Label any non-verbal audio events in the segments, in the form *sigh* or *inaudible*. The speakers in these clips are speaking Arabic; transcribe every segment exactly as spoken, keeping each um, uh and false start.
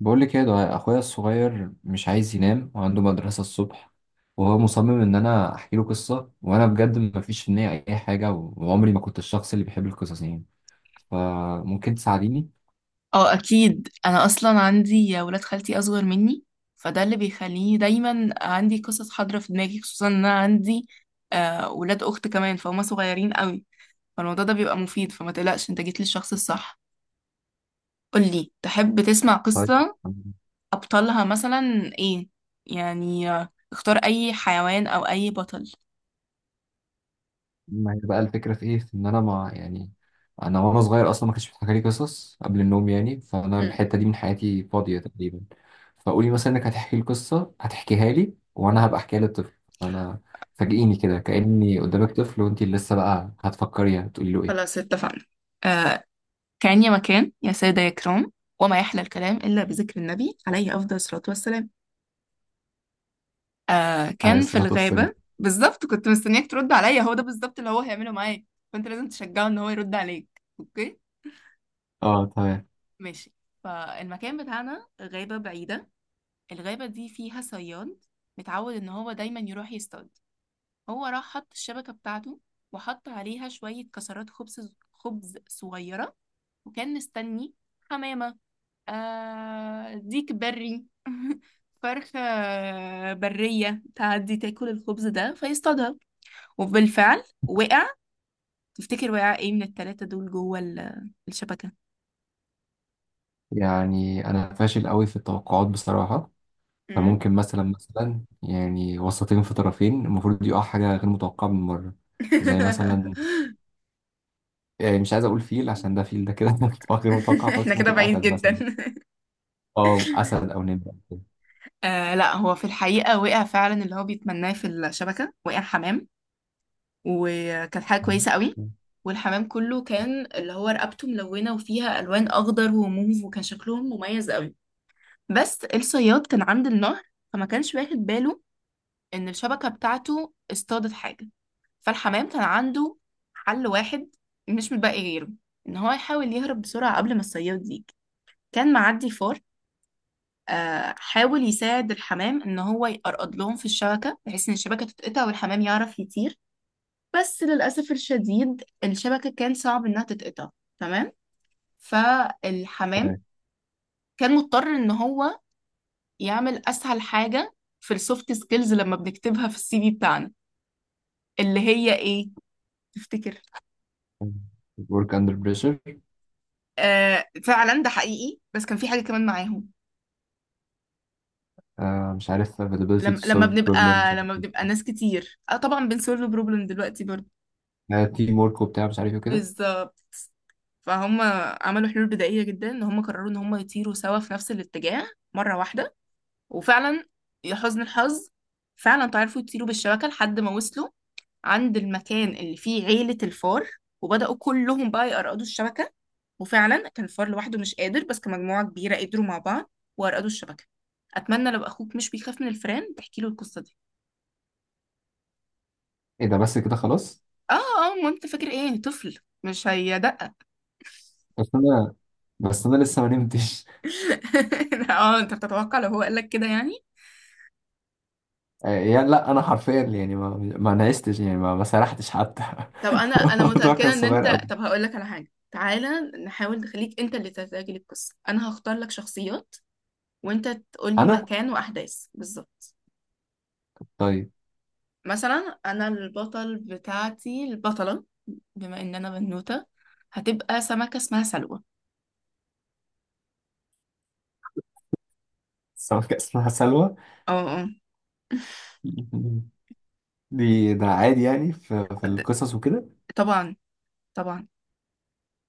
بقول لك ايه، ده اخويا الصغير مش عايز ينام وعنده مدرسة الصبح، وهو مصمم ان انا احكي له قصة، وانا بجد ما فيش في نية اي حاجة، وعمري ما كنت الشخص اللي بيحب القصص يعني. فممكن تساعديني؟ اه، اكيد. انا اصلا عندي ولاد خالتي اصغر مني، فده اللي بيخليني دايما عندي قصص حاضره في دماغي، خصوصا ان انا عندي آه ولاد اخت كمان فهم صغيرين قوي. فالموضوع ده بيبقى مفيد، فما تقلقش انت جيت للشخص الصح. قولي، تحب تسمع طيب، قصه؟ ابطالها مثلا ايه؟ يعني آه، اختار اي حيوان او اي بطل. ما هي بقى الفكرة في إيه؟ في إن أنا ما يعني أنا، وأنا صغير أصلا ما كانش بيتحكى لي قصص قبل النوم يعني، فأنا مم. الحتة دي من حياتي فاضية تقريبا. فقولي مثلا إنك هتحكي لي قصة، هتحكيها لي وأنا هبقى أحكيها للطفل أنا. فاجئيني كده كأني قدامك طفل وأنت لسه بقى هتفكري هتقولي له إيه؟ خلاص اتفقنا. آه كان يا مكان يا سادة يا كرام، وما يحلى الكلام إلا بذكر النبي عليه أفضل الصلاة والسلام. آه، أنا كان في لسه هتفصل. الغابة. بالظبط، كنت مستنياك ترد عليا، هو ده بالظبط اللي هو هيعمله معاك. فانت لازم تشجعه ان هو يرد عليك، اوكي؟ أه تمام. ماشي. فالمكان بتاعنا غابة بعيدة. الغابة دي فيها صياد، متعود ان هو دايما يروح يصطاد. هو راح حط الشبكة بتاعته، وحط عليها شوية كسرات خبز خبز صغيرة، وكان مستني حمامة، آه ديك بري، *laughs* فرخة برية، تعدي تاكل الخبز ده فيصطادها. وبالفعل وقع. تفتكر وقع ايه من التلاتة دول جوه ال- الشبكة؟ يعني أنا فاشل قوي في التوقعات بصراحة. مم. فممكن مثلا مثلا يعني وسطين في طرفين المفروض يقع حاجة غير متوقعة من مرة. زي مثلا، *laughs* يعني مش عايز اقول فيل عشان ده فيل ده كده *laughs* متوقع، غير متوقع احنا خالص. كده ممكن بعيد اسد جدا. مثلا. اه اسد او نمر أو كده. *laughs* آه لا، هو في الحقيقة وقع فعلا اللي هو بيتمناه في الشبكة، وقع حمام. وكانت حاجة كويسة قوي. والحمام كله كان اللي هو رقبته ملونة وفيها ألوان أخضر وموف، وكان شكلهم مميز قوي. بس الصياد كان عند النهر، فما كانش واخد باله إن الشبكة بتاعته اصطادت حاجة. فالحمام كان عنده حل واحد، مش متبقي غيره، ان هو يحاول يهرب بسرعة قبل ما الصياد يجي. كان معدي فار، آه، حاول يساعد الحمام ان هو يقرقض لهم في الشبكة بحيث ان الشبكة تتقطع والحمام يعرف يطير. بس للأسف الشديد الشبكة كان صعب انها تتقطع. تمام. فالحمام تمام. كان مضطر ان هو يعمل اسهل حاجة في السوفت سكيلز لما بنكتبها في السي في بتاعنا، اللي هي ايه؟ تفتكر؟ work under pressure. آه فعلا ده حقيقي، بس كان في حاجة كمان معاهم. آه مش عارف، availability لما to لما solve problem، مش بنبقى عارف لما بنبقى ناس كتير، آه طبعا بنسولف بروبلم دلوقتي برضه. ايه، تيم ورك وبتاع مش عارف ايه وكده. بالظبط. فهم عملوا حلول بدائية جدا، ان هم قرروا ان هم يطيروا سوا في نفس الاتجاه مرة واحدة. وفعلا، يا حزن الحظ، فعلا تعرفوا يطيروا بالشبكة لحد ما وصلوا عند المكان اللي فيه عيلة الفار. وبدأوا كلهم بقى يقرقدوا الشبكة. وفعلا كان الفار لوحده مش قادر، بس كمجموعة كبيرة قدروا مع بعض، وأرقدوا الشبكة. أتمنى لو أخوك مش بيخاف من الفئران تحكي له القصة دي. ايه ده، بس كده خلاص؟ آه آه، ما أنت فاكر إيه؟ طفل مش هيدقق. بس انا، بس انا لسه ما نمتش. *laughs* آه، أنت بتتوقع لو هو قال لك كده يعني. *laughs* آه يعني لا، انا حرفيا يعني ما ما نعستش يعني ما, ما سرحتش حتى. *laughs* طب انا، انا الموضوع كان متاكده ان صغير انت، قوي. طب هقول لك على حاجه، تعالى. نحاول نخليك انت اللي تتاجل القصه. انا هختار لك شخصيات، وانت تقول لي انا. مكان واحداث بالظبط. طيب. مثلا انا البطل بتاعتي، البطله، بما ان انا بنوته، هتبقى سمكه اسمها سلوى. *laughs* السمكة اسمها سلوى. اه *laughs* دي ده عادي يعني في, في اه. د- القصص وكده. طبعا، طبعا.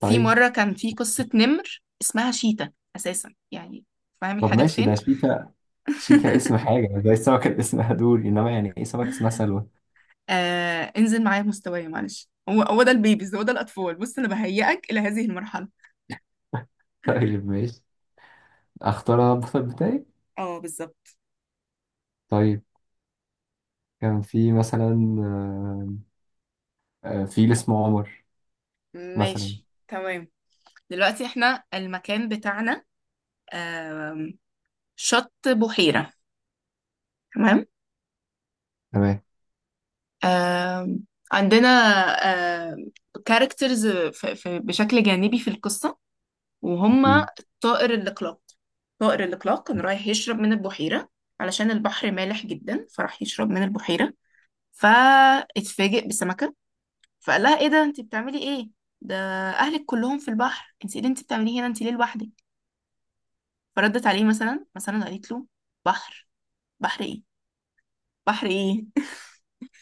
في طيب. مرة كان في قصة نمر اسمها شيتا أساسا يعني. فاهم طب الحاجات ماشي، ده فين؟ شيتا. شيتا اسم *laughs* حاجة زي السمكة اللي اسمها دوري، انما يعني ايه سمكة اسمها سلوى؟ آه، انزل معايا بمستواي معلش، هو هو ده البيبيز، هو ده الأطفال، بص، أنا بهيئك إلى هذه المرحلة. *laughs* طيب ماشي، اختار انا البطل بتاعي. اه بالظبط. طيب، كان في مثلا، آه، آه، فيل اسمه عمر. مثلا. ماشي تمام. دلوقتي احنا المكان بتاعنا، آم، شط بحيرة. تمام. تمام. آم، عندنا كاركترز بشكل جانبي في القصة، اكيد. وهما طائر الإقلاق. طائر الإقلاق كان رايح يشرب من البحيرة، علشان البحر مالح جدا فراح يشرب من البحيرة. فاتفاجئ بسمكة، فقال لها: ايه ده؟ انت بتعملي ايه؟ ده اهلك كلهم في البحر، انت ايه اللي انت بتعمليه هنا؟ انت ليه لوحدك؟ فردت عليه مثلا مثلا قالت له: بحر؟ بحر ايه؟ بحر ايه؟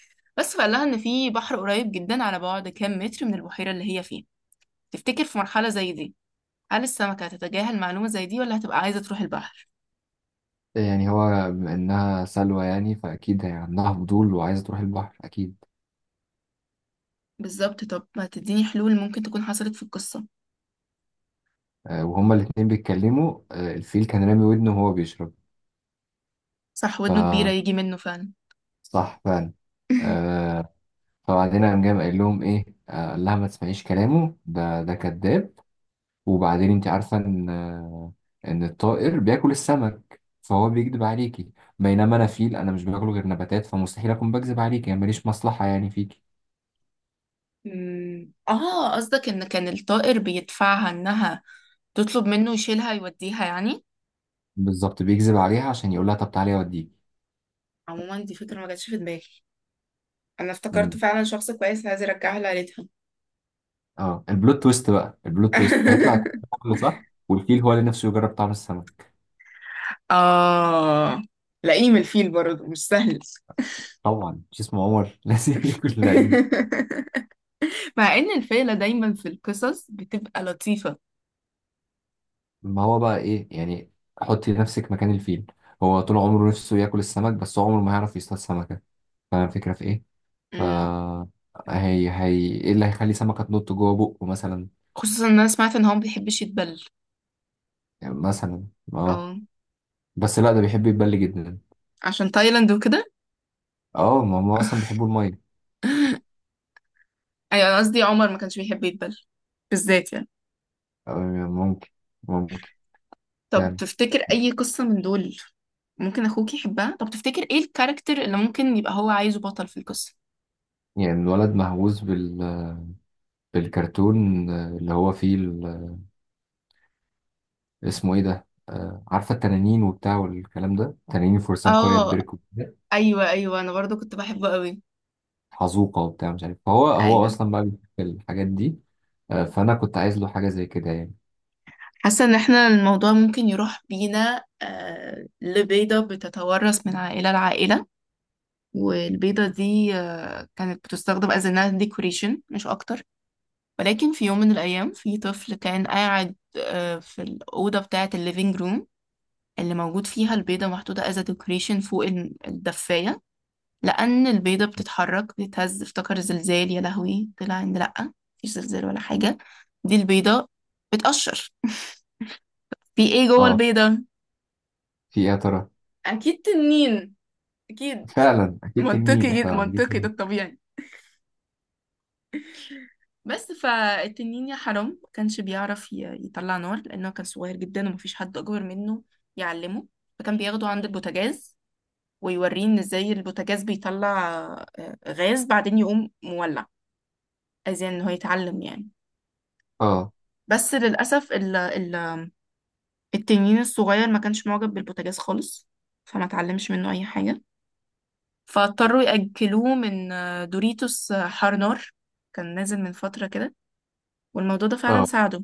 *laughs* بس، فقال لها ان في بحر قريب جدا على بعد كام متر من البحيرة اللي هي فيها. تفتكر في مرحلة زي دي، هل السمكة هتتجاهل معلومة زي دي، ولا هتبقى عايزة تروح البحر؟ يعني هو بما انها سلوى يعني فاكيد هي عندها فضول وعايزة تروح البحر اكيد. بالظبط. طب ما تديني حلول ممكن تكون حصلت في القصة. آه، وهما الاتنين بيتكلموا، آه، الفيل كان رامي ودنه وهو بيشرب. صح، ف ودنه كبيرة يجي منه فعلا. صح فعلا. *laughs* آه، فبعدين قام جاي قايل لهم ايه، آه، قال لها ما تسمعيش كلامه ده، ده كذاب. وبعدين انت عارفة ان ان الطائر بياكل السمك، فهو بيكذب عليكي. بينما انا فيل، انا مش باكل غير نباتات، فمستحيل اكون بكذب عليكي، يعني ماليش مصلحة يعني فيكي. أمم، اه قصدك ان كان الطائر بيدفعها انها تطلب منه يشيلها يوديها يعني. بالظبط بيكذب عليها عشان يقول لها طب تعالي اوديكي. عموما دي فكرة ما جاتش في دماغي، انا افتكرت امم. فعلا شخص كويس عايز يرجعها لعيلتها. اه البلوت تويست بقى، البلوت تويست هيطلع *laughs* الطائر صح، والفيل هو اللي نفسه يجرب طعم السمك. اه، لئيم الفيل برضه مش سهل. *laughs* طبعا مش اسمه عمر *laughs* لازم ياكل لعيب. مع ان الفيلة دايما في القصص بتبقى لطيفة. ما هو بقى ايه يعني، حطي نفسك مكان الفيل، هو طول عمره نفسه ياكل السمك بس هو عمره ما هيعرف يصطاد سمكة. فاهم الفكرة في ايه؟ ف أمم. هي هي ايه اللي هيخلي سمكة تنط جوه بقه مثلا؟ خصوصا ان انا سمعت ان هو ما بيحبش يتبل. يعني مثلا، اه. اه، بس لا، ده بيحب يتبل جدا. عشان تايلاند وكده. اه ما هم اصلا بيحبوا المية. *laughs* ايوه، انا قصدي عمر ما كانش بيحب يتبل بالذات يعني. آه، ممكن، ممكن طب فعلا. تفتكر اي قصة من دول ممكن اخوك يحبها؟ طب تفتكر ايه الكاركتر اللي ممكن يبقى هو عايزه بطل في القصة؟ يعني الولد مهووس بال... بالكرتون، آه، اللي هو فيه ال... اسمه ايه ده، آه، عارفة التنانين وبتاع والكلام ده، تنانين فرسان قرية اه بيرك وكده. ايوه ايوه، انا برضو كنت بحبه قوي. حزوقة وبتاع مش عارف، فهو هو ايوه. اصلا بقى بيحب الحاجات دي. آه، فانا كنت عايز له حاجة زي كده يعني. حاسه ان احنا الموضوع ممكن يروح بينا. آه لبيضه بتتورث من عائله لعائله، والبيضه دي آه كانت بتستخدم as a nail decoration مش اكتر. ولكن في يوم من الأيام في طفل كان قاعد آه، في الأوضة بتاعة الليفينج روم، اللي موجود فيها البيضة محطوطة as a decoration فوق ال- الدفاية. لأن البيضة بتتحرك بتتهز، افتكر زلزال، يا لهوي، طلع إن لأ، مفيش زلزال ولا حاجة. دي البيضة بتقشر. في إيه جوه اه. البيضة؟ في ايه يا ترى؟ أكيد تنين. أكيد. فعلا اكيد تنين منطقي جدا، احنا منطقي، ده عايزين. الطبيعي. بس فالتنين يا حرام ما كانش بيعرف ي- يطلع نار، لأنه كان صغير جدا ومفيش حد أكبر منه يعلمه. فكان بياخده عند البوتاجاز ويوريه إن إزاي البوتاجاز بيطلع آه، غاز، بعدين يقوم مولع. عايزين إن هو يتعلم يعني. اه. بس للأسف ال ال التنين الصغير ما كانش معجب بالبوتاجاز خالص، فما اتعلمش منه أي حاجة. فاضطروا يأكلوه من آه، دوريتوس آه، حار نار، كان نازل من فترة كده، والموضوع ده فعلا اه. ساعده.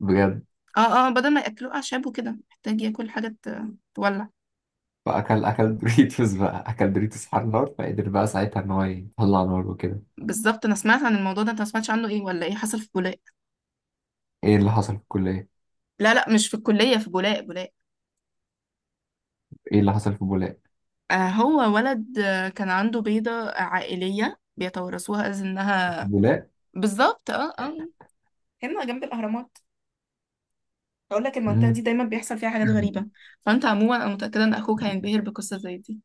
بجد. اه اه، بدل ما ياكلوه اعشاب وكده، محتاج ياكل حاجه ت- تولع. فاكل اكل دوريتوس بقى، اكل دوريتوس على النار فقدر بقى ساعتها ان هو يطلع نار وكده. بالظبط. انا سمعت عن الموضوع ده، انت ما سمعتش عنه؟ ايه ولا ايه حصل في بولاق؟ ايه اللي حصل في الكليه؟ لا لا، مش في الكليه، في بولاق، بولاق. ايه اللي حصل في بولاق؟ آه هو ولد آه كان عنده بيضه عائليه بيتورثوها از في انها. بولاق؟ بالظبط اه اه. هنا جنب الاهرامات. اقول لك المنطقه دي مم. دايما بيحصل فيها حاجات غريبه. فانت عموما انا متاكده ان اخوك هينبهر بقصه زي دي.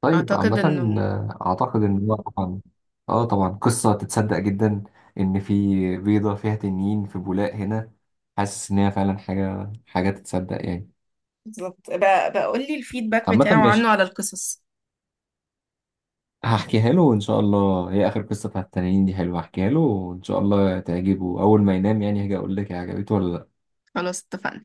طيب اعتقد عامة، انه. آه، أعتقد إن هو طبعا، آه طبعا قصة تتصدق جدا، إن في بيضة فيها تنين في بولاق هنا. حاسس إن هي فعلا حاجة، حاجة تتصدق يعني. بالظبط بقى، بقول لي الفيدباك عامة بتاعه ماشي، عنه على القصص. هحكيها له وإن شاء الله، هي آخر قصة بتاعت التنانين دي حلوة، هحكيها له وإن شاء الله تعجبه أول ما ينام، يعني هاجي أقول لك هي عجبته ولا لأ. خلاص اتفقنا.